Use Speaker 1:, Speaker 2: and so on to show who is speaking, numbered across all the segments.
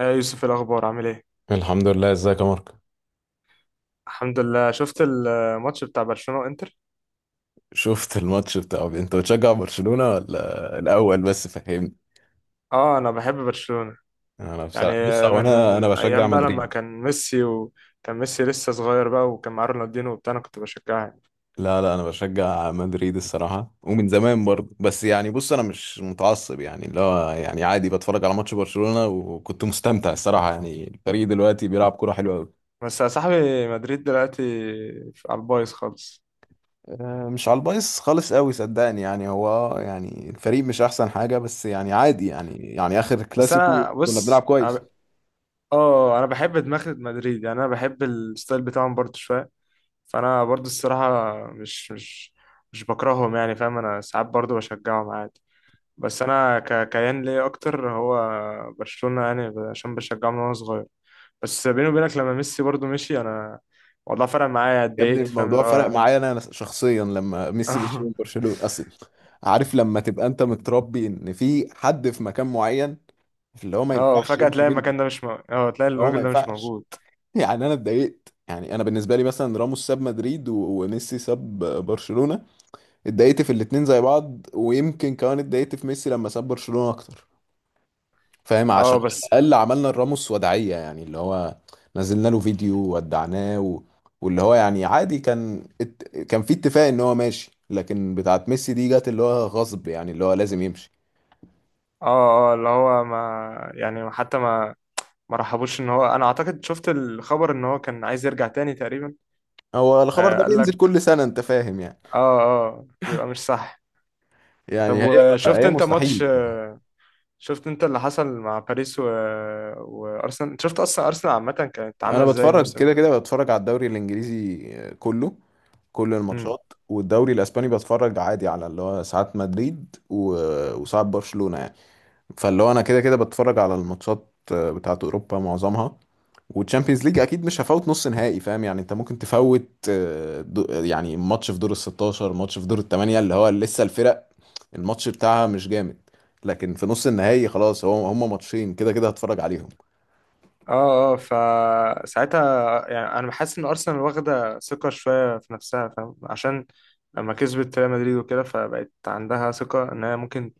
Speaker 1: يا يوسف، إيه الاخبار؟ عامل ايه؟
Speaker 2: الحمد لله، ازيك يا مارك؟
Speaker 1: الحمد لله. شفت الماتش بتاع برشلونة وانتر.
Speaker 2: شفت الماتش انت بتشجع برشلونة ولا الاول بس فهمني؟
Speaker 1: اه، انا بحب برشلونة،
Speaker 2: انا
Speaker 1: يعني
Speaker 2: بصراحة بص هو
Speaker 1: من
Speaker 2: انا بشجع
Speaker 1: ايام بقى لما
Speaker 2: مدريد.
Speaker 1: كان ميسي، وكان ميسي لسه صغير بقى، وكان معاه رونالدينو وبتاع. انا كنت بشجعها يعني.
Speaker 2: لا لا، انا بشجع مدريد الصراحة ومن زمان برضه، بس يعني بص انا مش متعصب، يعني اللي هو يعني عادي بتفرج على ماتش برشلونة وكنت مستمتع الصراحة، يعني الفريق دلوقتي بيلعب كرة حلوة قوي.
Speaker 1: بس يا صاحبي مدريد دلوقتي على البايظ خالص.
Speaker 2: مش على البايظ خالص قوي صدقني، يعني هو يعني الفريق مش احسن حاجة، بس يعني عادي يعني اخر
Speaker 1: بس
Speaker 2: كلاسيكو
Speaker 1: انا
Speaker 2: كنا
Speaker 1: بص،
Speaker 2: بنلعب كويس.
Speaker 1: اه، انا بحب دماغ مدريد، يعني انا بحب الستايل بتاعهم برضو شوية. فانا برضو الصراحة مش مش بكرههم يعني، فاهم. انا ساعات برضو بشجعهم عادي. بس انا كيان ليا اكتر هو برشلونة، يعني عشان بشجعه من وانا صغير. بس بيني وبينك لما ميسي برضو مشي، انا والله فرق معايا،
Speaker 2: يا ابني
Speaker 1: اتضايقت، فاهم
Speaker 2: الموضوع
Speaker 1: اللي
Speaker 2: فرق
Speaker 1: هو.
Speaker 2: معايا انا شخصيا لما ميسي مشي من برشلونة. اصل عارف لما تبقى انت متربي ان في حد في مكان معين، اللي هو ما
Speaker 1: اه،
Speaker 2: ينفعش
Speaker 1: وفجأة
Speaker 2: يمشي
Speaker 1: تلاقي
Speaker 2: منه.
Speaker 1: المكان ده مش مو... اه تلاقي
Speaker 2: هو ما
Speaker 1: الراجل ده مش
Speaker 2: ينفعش.
Speaker 1: موجود.
Speaker 2: يعني انا اتضايقت، يعني انا بالنسبه لي مثلا راموس ساب مدريد وميسي ساب برشلونه. اتضايقت في الاتنين زي بعض، ويمكن كمان اتضايقت في ميسي لما ساب برشلونه اكتر، فاهم؟ عشان
Speaker 1: اه، بس.
Speaker 2: على الاقل عملنا الراموس وداعيه، يعني اللي هو نزلنا له فيديو وودعناه واللي هو يعني عادي كان كان في اتفاق ان هو ماشي، لكن بتاعت ميسي دي جت، اللي هو غصب يعني اللي هو لازم يمشي.
Speaker 1: اه، اه، اللي هو، ما يعني حتى ما رحبوش ان هو، انا اعتقد شفت الخبر ان هو كان عايز يرجع تاني تقريبا.
Speaker 2: هو الخبر
Speaker 1: آه،
Speaker 2: ده
Speaker 1: قال
Speaker 2: بينزل
Speaker 1: لك.
Speaker 2: كل سنه، انت فاهم يعني.
Speaker 1: اه، اه، بيبقى مش صح. طب
Speaker 2: يعني هي
Speaker 1: وشفت
Speaker 2: هي
Speaker 1: انت ماتش
Speaker 2: مستحيل.
Speaker 1: شفت انت اللي حصل مع باريس و... وارسنال؟ انت شفت اصلا ارسنال عامه كانت عامله
Speaker 2: انا
Speaker 1: ازاي
Speaker 2: بتفرج
Speaker 1: الموسم
Speaker 2: كده
Speaker 1: ده؟
Speaker 2: كده، بتفرج على الدوري الانجليزي كله، كل
Speaker 1: امم.
Speaker 2: الماتشات، والدوري الاسباني بتفرج عادي على اللي هو ساعات مدريد وساعات برشلونه يعني. فاللي هو انا كده كده بتفرج على الماتشات، بتاعت اوروبا معظمها، والتشامبيونز ليج اكيد مش هفوت نص نهائي فاهم يعني. انت ممكن تفوت يعني ماتش في دور ال 16، ماتش في دور الثمانية، اللي هو لسه الفرق الماتش بتاعها مش جامد، لكن في نص النهائي خلاص هو هم ماتشين كده كده هتفرج عليهم.
Speaker 1: اه، اه، فساعتها يعني انا بحس ان ارسنال واخده ثقه شويه في نفسها، فاهم، عشان لما كسبت ريال مدريد وكده، فبقت عندها ثقه ان هي ممكن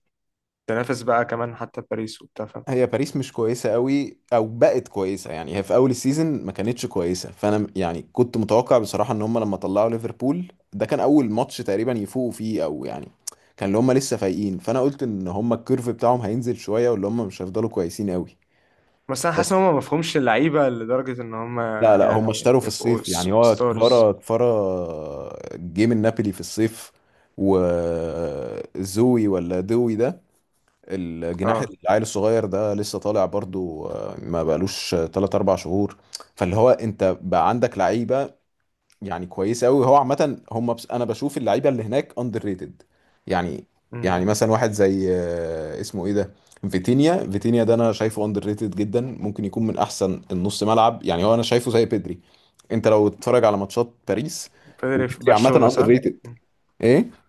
Speaker 1: تنافس بقى كمان حتى باريس وبتاع، فاهم.
Speaker 2: هي باريس مش كويسة قوي او بقت كويسة، يعني هي في اول السيزون ما كانتش كويسة. يعني كنت متوقع بصراحة ان هم لما طلعوا ليفربول ده كان اول ماتش تقريبا يفوقوا فيه، او يعني كان اللي هم لسه فايقين، فانا قلت ان هم الكيرف بتاعهم هينزل شوية واللي هم مش هيفضلوا كويسين قوي.
Speaker 1: بس انا حاسس ان
Speaker 2: بس
Speaker 1: هم مفهومش اللعيبه لدرجه ان هم،
Speaker 2: لا لا، هم
Speaker 1: يعني،
Speaker 2: اشتروا في
Speaker 1: يبقوا
Speaker 2: الصيف، يعني هو
Speaker 1: ستارز.
Speaker 2: كفارا جه من نابولي في الصيف، وزوي ولا دوي ده الجناح
Speaker 1: اه،
Speaker 2: العيل الصغير ده لسه طالع برضو. ما بقالوش 3 4 شهور. فاللي هو انت بقى عندك لعيبه يعني كويسه قوي، هو عامه هم. بس انا بشوف اللعيبه اللي هناك اندر ريتد يعني.
Speaker 1: امم.
Speaker 2: يعني مثلا واحد زي اسمه ايه ده، فيتينيا. فيتينيا ده انا شايفه اندر ريتد جدا، ممكن يكون من احسن النص ملعب. يعني هو انا شايفه زي بيدري، انت لو تتفرج على ماتشات باريس.
Speaker 1: بيدري في
Speaker 2: وبيدري عامه
Speaker 1: برشلونه
Speaker 2: اندر
Speaker 1: صح؟
Speaker 2: ريتد.
Speaker 1: مم.
Speaker 2: ايه؟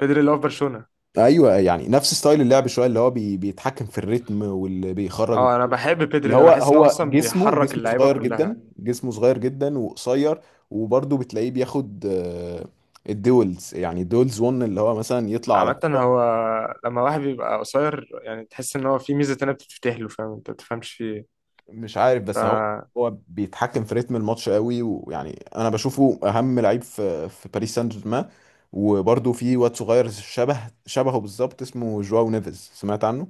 Speaker 1: بيدري اللي هو في برشلونه.
Speaker 2: ايوه، يعني نفس ستايل اللعب شويه، اللي هو بيتحكم في الريتم واللي بيخرج.
Speaker 1: اه، انا بحب
Speaker 2: اللي
Speaker 1: بيدري ده،
Speaker 2: هو
Speaker 1: بحس ان هو
Speaker 2: هو
Speaker 1: اصلا
Speaker 2: جسمه
Speaker 1: بيحرك
Speaker 2: جسمه
Speaker 1: اللعيبه
Speaker 2: صغير
Speaker 1: كلها.
Speaker 2: جدا، جسمه صغير جدا وقصير. وبرضه بتلاقيه بياخد الدولز، يعني دولز 1، اللي هو مثلا يطلع على
Speaker 1: عامه
Speaker 2: طول.
Speaker 1: هو، لما واحد بيبقى قصير يعني تحس ان هو في ميزه تانية بتتفتح له، فاهم، انت ما تفهمش فيه ايه.
Speaker 2: مش عارف بس هو
Speaker 1: ف
Speaker 2: هو بيتحكم في رتم الماتش قوي، ويعني انا بشوفه اهم لعيب في باريس سان جيرمان. وبرضه في واد صغير شبه، شبهه بالظبط، اسمه جواو نيفيز. سمعت عنه؟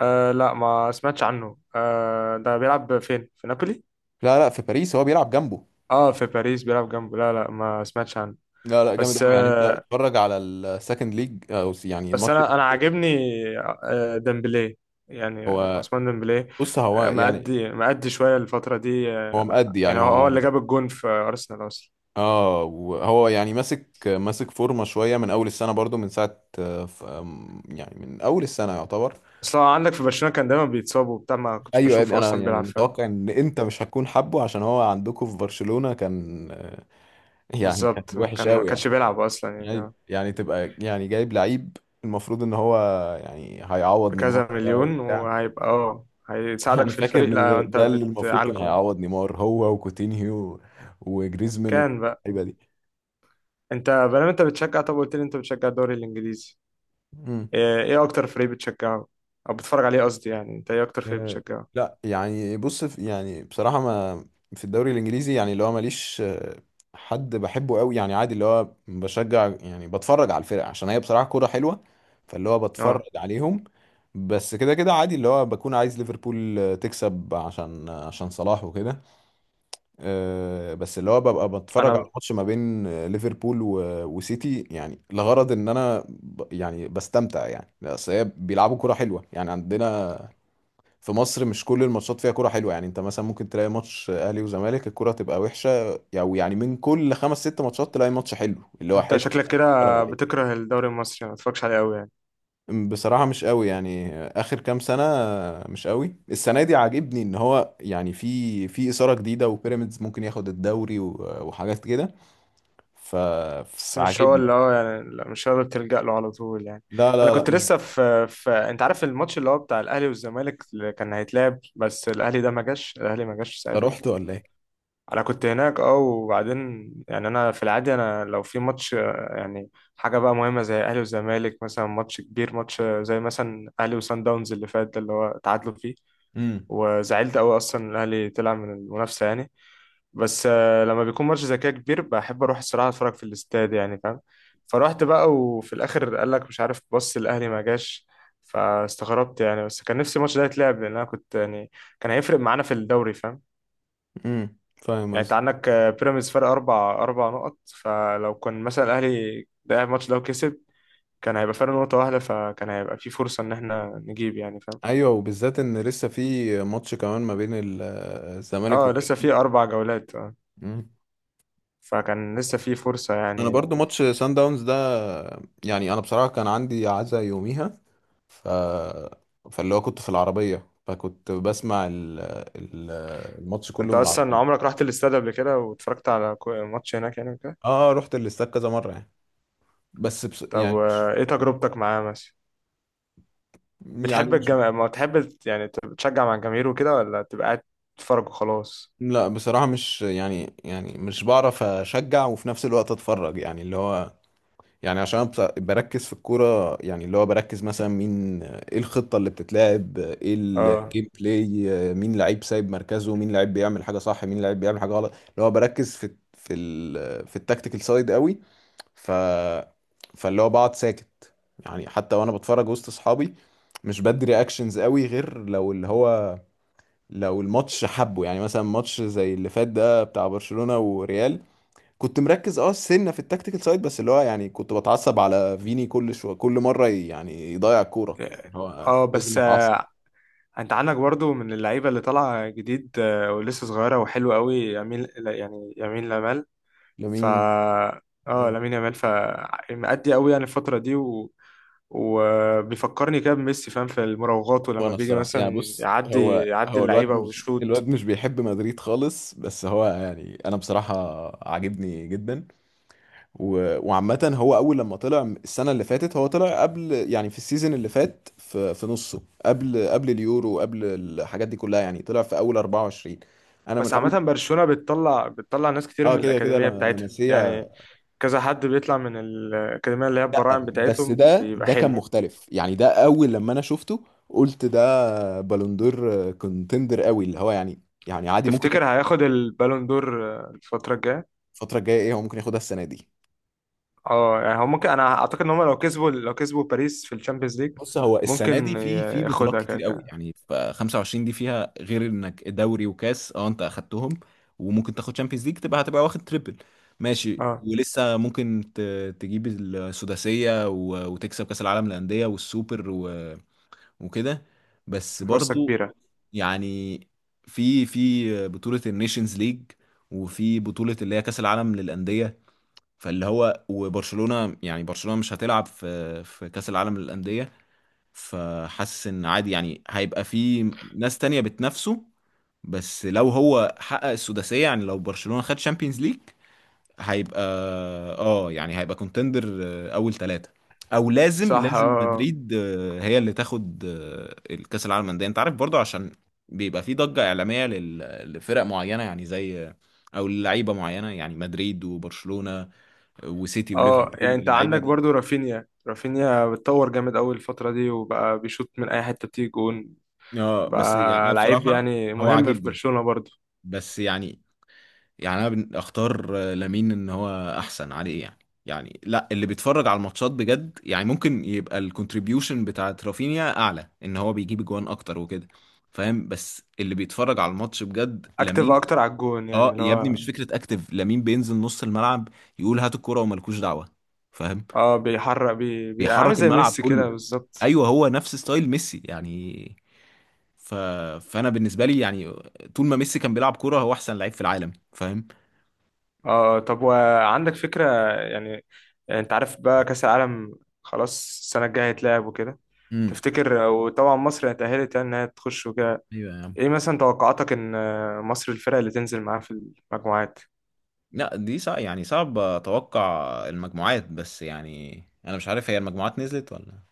Speaker 1: آه، لا، ما سمعتش عنه. ده بيلعب فين، في نابولي؟
Speaker 2: لا لا، في باريس هو بيلعب جنبه.
Speaker 1: اه، في باريس بيلعب جنبه، لا، لا، ما سمعتش عنه.
Speaker 2: لا لا، جامد
Speaker 1: بس
Speaker 2: قوي، يعني انت
Speaker 1: آه
Speaker 2: اتفرج على السكند ليج يعني
Speaker 1: بس
Speaker 2: الماتش
Speaker 1: انا
Speaker 2: ده.
Speaker 1: عاجبني، ديمبلي، يعني
Speaker 2: هو
Speaker 1: عثمان ديمبلي.
Speaker 2: بص هو يعني،
Speaker 1: مأدي مأدي شويه الفتره دي
Speaker 2: هو
Speaker 1: آه،
Speaker 2: مأدي
Speaker 1: يعني
Speaker 2: يعني
Speaker 1: هو هو
Speaker 2: هو.
Speaker 1: اللي جاب الجون في ارسنال اصلا.
Speaker 2: اه وهو يعني ماسك فورمه شويه من اول السنه برضو من ساعه آه، ف- آم، يعني من اول السنه يعتبر.
Speaker 1: اصلا عندك في برشلونة كان دايما بيتصاب وبتاع، ما كنتش
Speaker 2: ايوه يا ابني
Speaker 1: بشوفه
Speaker 2: انا
Speaker 1: اصلا
Speaker 2: يعني
Speaker 1: بيلعب، فاهم.
Speaker 2: متوقع ان انت مش هتكون حابه عشان هو عندكم في برشلونه كان يعني كان
Speaker 1: بالظبط
Speaker 2: وحش
Speaker 1: كان، ما
Speaker 2: قوي يعني.
Speaker 1: كانش بيلعب اصلا يعني
Speaker 2: ايوه
Speaker 1: آه،
Speaker 2: يعني تبقى يعني جايب لعيب المفروض ان هو يعني هيعوض نيمار
Speaker 1: بكذا
Speaker 2: بقى
Speaker 1: مليون
Speaker 2: وبتاع.
Speaker 1: وهيبقى هيساعدك
Speaker 2: انا
Speaker 1: في
Speaker 2: فاكر
Speaker 1: الفريق،
Speaker 2: ان
Speaker 1: لا
Speaker 2: ده
Speaker 1: انت
Speaker 2: ده اللي المفروض كان
Speaker 1: بتعالجه.
Speaker 2: هيعوض نيمار، هو وكوتينيو وجريزمان، وكل
Speaker 1: كان بقى.
Speaker 2: اللعيبه دي.
Speaker 1: انت بقى، انت بتشجع، طب قلت لي انت بتشجع الدوري الانجليزي.
Speaker 2: مم.
Speaker 1: ايه اكتر فريق بتشجعه، او بتتفرج عليه قصدي، يعني انت ايه اكتر فريق
Speaker 2: آه،
Speaker 1: بتشجعه؟
Speaker 2: لا يعني بص يعني بصراحه ما في الدوري الانجليزي يعني اللي هو ماليش حد بحبه قوي يعني عادي. اللي هو بشجع يعني بتفرج على الفرق عشان هي بصراحه كوره حلوه، فاللي هو
Speaker 1: اه
Speaker 2: بتفرج عليهم بس. كده كده عادي اللي هو بكون عايز ليفربول تكسب عشان عشان صلاح وكده. بس اللي هو ببقى بتفرج
Speaker 1: انا
Speaker 2: على ماتش ما بين ليفربول وسيتي، يعني لغرض ان انا يعني بستمتع يعني. بس هي بيلعبوا كرة حلوة يعني. عندنا في مصر مش كل الماتشات فيها كرة حلوة، يعني انت مثلا ممكن تلاقي ماتش اهلي وزمالك الكرة تبقى وحشة، او يعني من كل خمس ست ماتشات تلاقي ماتش حلو اللي هو
Speaker 1: انت
Speaker 2: حلو
Speaker 1: شكلك
Speaker 2: تتفرج
Speaker 1: كده
Speaker 2: عليه.
Speaker 1: بتكره الدوري المصري، ما بتتفرجش عليه قوي يعني.
Speaker 2: بصراحة مش قوي يعني آخر كام سنة مش قوي. السنة دي عاجبني إن هو يعني في في إثارة جديدة، وبيراميدز ممكن ياخد الدوري وحاجات كده، ف...
Speaker 1: بس مش هو،
Speaker 2: فعاجبني.
Speaker 1: اللي هو يعني، لا، مش هو اللي بتلجأ له على طول يعني.
Speaker 2: لا
Speaker 1: انا
Speaker 2: لا لا
Speaker 1: كنت
Speaker 2: مش.
Speaker 1: لسه في، انت عارف الماتش اللي هو بتاع الاهلي والزمالك اللي كان هيتلعب، بس الاهلي ده ما جاش، الاهلي ما جاش
Speaker 2: ده
Speaker 1: ساعتها.
Speaker 2: رحت ولا ايه؟
Speaker 1: انا كنت هناك. اه وبعدين يعني انا في العادي، انا لو في ماتش، يعني حاجه بقى مهمه زي اهلي وزمالك مثلا، ماتش كبير، ماتش زي مثلا اهلي وسان داونز اللي فات ده اللي هو تعادلوا فيه.
Speaker 2: امم.
Speaker 1: وزعلت قوي اصلا ان الاهلي طلع من المنافسه يعني. بس، لما بيكون ماتش زي كده كبير، بحب اروح الصراحه اتفرج في الاستاد يعني، فاهم. فرحت بقى، وفي الاخر قال لك مش عارف، بص الاهلي ما جاش. فاستغربت يعني، بس كان نفسي الماتش ده يتلعب لان انا كنت يعني كان هيفرق معانا في الدوري، فاهم.
Speaker 2: فاهم
Speaker 1: يعني انت
Speaker 2: قصدي.
Speaker 1: عندك بيراميدز فرق اربع نقط، فلو كان مثلا الاهلي ده الماتش ده وكسب، كان هيبقى فرق نقطه واحده، فكان هيبقى في فرصه ان احنا نجيب يعني، فاهم.
Speaker 2: ايوه، وبالذات ان لسه في ماتش كمان ما بين الزمالك
Speaker 1: اه، لسه في
Speaker 2: وبيراميدز.
Speaker 1: اربع جولات.
Speaker 2: مم.
Speaker 1: فكان لسه في فرصة
Speaker 2: انا
Speaker 1: يعني.
Speaker 2: برضو ماتش سان داونز ده، يعني انا بصراحه كان عندي عزا يوميها. ف فاللي هو كنت في العربيه، فكنت بسمع ال... الماتش كله
Speaker 1: انت
Speaker 2: من
Speaker 1: اصلا
Speaker 2: العربيه.
Speaker 1: عمرك رحت الاستاد قبل كده واتفرجت على ماتش هناك يعني كده؟
Speaker 2: اه رحت الاستاد كذا مره يعني. بس بس
Speaker 1: طب
Speaker 2: يعني
Speaker 1: و-
Speaker 2: مش،
Speaker 1: ايه تجربتك معاه مثلا؟
Speaker 2: يعني
Speaker 1: بتحب
Speaker 2: مش.
Speaker 1: ما بتحب يعني تشجع مع الجماهير وكده، ولا تبقى قاعد تتفرج وخلاص؟
Speaker 2: لا بصراحة مش يعني، يعني مش بعرف أشجع وفي نفس الوقت أتفرج، يعني اللي هو يعني عشان بركز في الكورة. يعني اللي هو بركز مثلا مين، إيه الخطة اللي بتتلعب، إيه
Speaker 1: اه،
Speaker 2: الجيم بلاي، مين لعيب سايب مركزه، مين لعيب بيعمل حاجة صح، مين لعيب بيعمل حاجة غلط. اللي هو بركز في ال في التكتيكال سايد قوي. ف فاللي هو بقعد ساكت، يعني حتى وأنا بتفرج وسط أصحابي مش بدي رياكشنز قوي غير لو اللي هو لو الماتش حبه، يعني مثلا ماتش زي اللي فات ده بتاع برشلونة وريال. كنت مركز اه سنة في التكتيكال سايد، بس اللي هو يعني كنت بتعصب على فيني كل شوية، كل مرة يعني يضيع الكورة، يعني هو
Speaker 1: اه،
Speaker 2: لازم
Speaker 1: بس
Speaker 2: اتعصب.
Speaker 1: آه، انت عندك برضو من اللعيبة اللي طالعة جديد، ولسه صغيرة وحلوة قوي، يمين يعني يمين لمال. ف
Speaker 2: لمين؟
Speaker 1: اه، لامين يامال. مأدي قوي يعني الفترة دي، و... وبيفكرني كده بميسي، فاهم، في المراوغات، ولما
Speaker 2: وانا
Speaker 1: بيجي
Speaker 2: الصراحة يعني
Speaker 1: مثلا
Speaker 2: بص،
Speaker 1: يعدي
Speaker 2: هو
Speaker 1: يعدي
Speaker 2: هو الواد،
Speaker 1: اللعيبة
Speaker 2: مش
Speaker 1: ويشوط.
Speaker 2: الواد مش بيحب مدريد خالص، بس هو يعني انا بصراحة عاجبني جدا. وعامة هو أول لما طلع السنة اللي فاتت، هو طلع قبل يعني في السيزون اللي فات في في نصه قبل قبل اليورو، قبل الحاجات دي كلها، يعني طلع في أول 24. أنا من
Speaker 1: بس
Speaker 2: أول،
Speaker 1: عامة برشلونة بتطلع ناس كتير
Speaker 2: اه
Speaker 1: من
Speaker 2: كده كده
Speaker 1: الأكاديمية بتاعتها
Speaker 2: لمسيه.
Speaker 1: يعني. كذا حد بيطلع من الأكاديمية اللي هي
Speaker 2: لا
Speaker 1: البراعم
Speaker 2: بس
Speaker 1: بتاعتهم
Speaker 2: ده
Speaker 1: بيبقى
Speaker 2: ده كان
Speaker 1: حلو.
Speaker 2: مختلف، يعني ده أول لما أنا شفته قلت ده بالون دور كونتندر قوي، اللي هو يعني يعني عادي ممكن
Speaker 1: تفتكر
Speaker 2: ياخد.
Speaker 1: هياخد البالون دور، الفترة الجاية؟
Speaker 2: الفترة الجاية إيه، هو ممكن ياخدها السنة دي.
Speaker 1: اه، يعني هو ممكن، انا اعتقد ان هم لو كسبوا، باريس في الشامبيونز ليج.
Speaker 2: بص هو السنه دي
Speaker 1: ممكن
Speaker 2: في في بطولات
Speaker 1: ياخدها كده
Speaker 2: كتير قوي،
Speaker 1: كده.
Speaker 2: يعني ف 25 دي فيها، غير انك دوري وكاس اه انت اخدتهم، وممكن تاخد شامبيونز ليج تبقى هتبقى واخد تريبل. ماشي،
Speaker 1: اه،
Speaker 2: ولسه ممكن تجيب السداسيه وتكسب كاس العالم للانديه والسوبر وكده. بس
Speaker 1: في فرصة
Speaker 2: برضو
Speaker 1: كبيرة.
Speaker 2: يعني في في بطوله النيشنز ليج، وفي بطوله اللي هي كاس العالم للانديه، فاللي هو وبرشلونه يعني برشلونه مش هتلعب في في كاس العالم للانديه، فحاسس ان عادي يعني هيبقى في ناس تانية بتنافسه. بس لو هو حقق السداسية، يعني لو برشلونة خد شامبيونز ليج، هيبقى اه يعني هيبقى كونتندر اول ثلاثة. او لازم
Speaker 1: صح،
Speaker 2: لازم
Speaker 1: اه.
Speaker 2: مدريد هي اللي تاخد الكاس العالم للانديه. انت عارف برضه عشان بيبقى في ضجة اعلامية لفرق معينة يعني زي، او لعيبة معينة يعني مدريد وبرشلونة وسيتي
Speaker 1: اه،
Speaker 2: وليفربول،
Speaker 1: يعني انت
Speaker 2: اللعيبة
Speaker 1: عندك
Speaker 2: دي.
Speaker 1: برضو رافينيا، بتطور جامد قوي الفترة دي، وبقى بيشوط من اي حتة بتيجي جون،
Speaker 2: اه بس يعني انا
Speaker 1: بقى لعيب
Speaker 2: بصراحة
Speaker 1: يعني
Speaker 2: هو
Speaker 1: مهم في
Speaker 2: عاجبني.
Speaker 1: برشلونة برضو.
Speaker 2: بس يعني يعني انا اختار لامين ان هو احسن عليه يعني. يعني لا، اللي بيتفرج على الماتشات بجد يعني ممكن يبقى الكونتريبيوشن بتاعت رافينيا اعلى ان هو بيجيب جوان اكتر وكده فاهم، بس اللي بيتفرج على الماتش بجد لامين.
Speaker 1: اكتر على الجون يعني
Speaker 2: اه
Speaker 1: اللي
Speaker 2: يا ابني
Speaker 1: هو.
Speaker 2: مش فكرة اكتف، لامين بينزل نص الملعب يقول هات الكرة وملكوش دعوة، فاهم؟
Speaker 1: اه، بيحرق، بي عامل
Speaker 2: بيحرك
Speaker 1: زي
Speaker 2: الملعب
Speaker 1: ميسي كده
Speaker 2: كله.
Speaker 1: بالظبط.
Speaker 2: ايوه هو نفس ستايل ميسي يعني. ف... فانا بالنسبة لي يعني طول ما ميسي كان بيلعب كرة هو احسن لعيب في العالم، فاهم؟
Speaker 1: اه، طب وعندك فكرة؟ يعني، انت عارف بقى كأس العالم، خلاص، السنة الجاية هيتلعب وكده.
Speaker 2: امم.
Speaker 1: تفتكر، وطبعا مصر اتأهلت يعني انها تخش وكده،
Speaker 2: ايوه يا عم.
Speaker 1: ايه مثلا توقعاتك ان مصر، الفرق اللي تنزل معاها في المجموعات؟
Speaker 2: لا دي صعب يعني صعب اتوقع المجموعات، بس يعني انا مش عارف هي المجموعات نزلت ولا.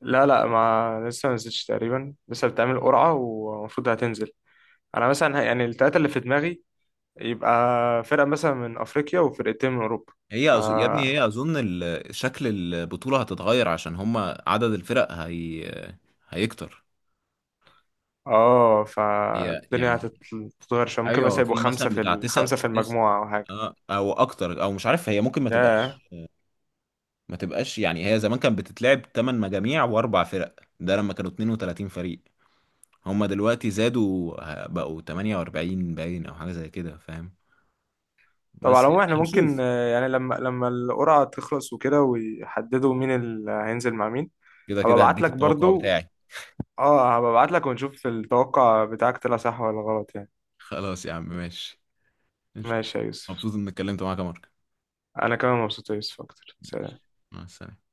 Speaker 1: لا، لا، ما لسه ما نزلتش تقريبا، لسه بتعمل قرعة ومفروض هتنزل. انا مثلا يعني التلاتة اللي في دماغي يبقى فرقة مثلا من افريقيا وفرقتين من اوروبا.
Speaker 2: هي
Speaker 1: ف
Speaker 2: يا ابني هي اظن شكل البطولة هتتغير عشان هما عدد الفرق هي هيكتر.
Speaker 1: اه،
Speaker 2: هي
Speaker 1: فالدنيا
Speaker 2: يعني
Speaker 1: هتتغير شوية، ممكن مثلا
Speaker 2: ايوه
Speaker 1: يبقوا
Speaker 2: في مثلا
Speaker 1: خمسة في
Speaker 2: بتاع تسع،
Speaker 1: خمسة في
Speaker 2: تس...
Speaker 1: المجموعة او حاجة.
Speaker 2: آه، او اكتر او مش عارف هي ممكن
Speaker 1: ياه.
Speaker 2: ما تبقاش، يعني هي زمان كانت بتتلعب 8 مجاميع واربع فرق، ده لما كانوا 32 فريق. هما دلوقتي زادوا بقوا 48 باين، او حاجة زي كده فاهم.
Speaker 1: طب على
Speaker 2: بس
Speaker 1: العموم احنا
Speaker 2: يعني هنشوف.
Speaker 1: ممكن، يعني لما القرعة تخلص وكده، ويحددوا مين اللي هينزل مع مين،
Speaker 2: كده
Speaker 1: هبقى
Speaker 2: كده
Speaker 1: ابعت
Speaker 2: هديك
Speaker 1: لك
Speaker 2: التوقع
Speaker 1: برضو.
Speaker 2: بتاعي.
Speaker 1: اه، هبقى ابعت لك ونشوف التوقع بتاعك طلع صح ولا غلط يعني.
Speaker 2: خلاص يا عم ماشي. ماشي.
Speaker 1: ماشي يا يوسف.
Speaker 2: مبسوط اني اتكلمت معاك يا مارك.
Speaker 1: انا كمان مبسوط يا يوسف اكتر،
Speaker 2: ماشي.
Speaker 1: سلام.
Speaker 2: مع السلامة.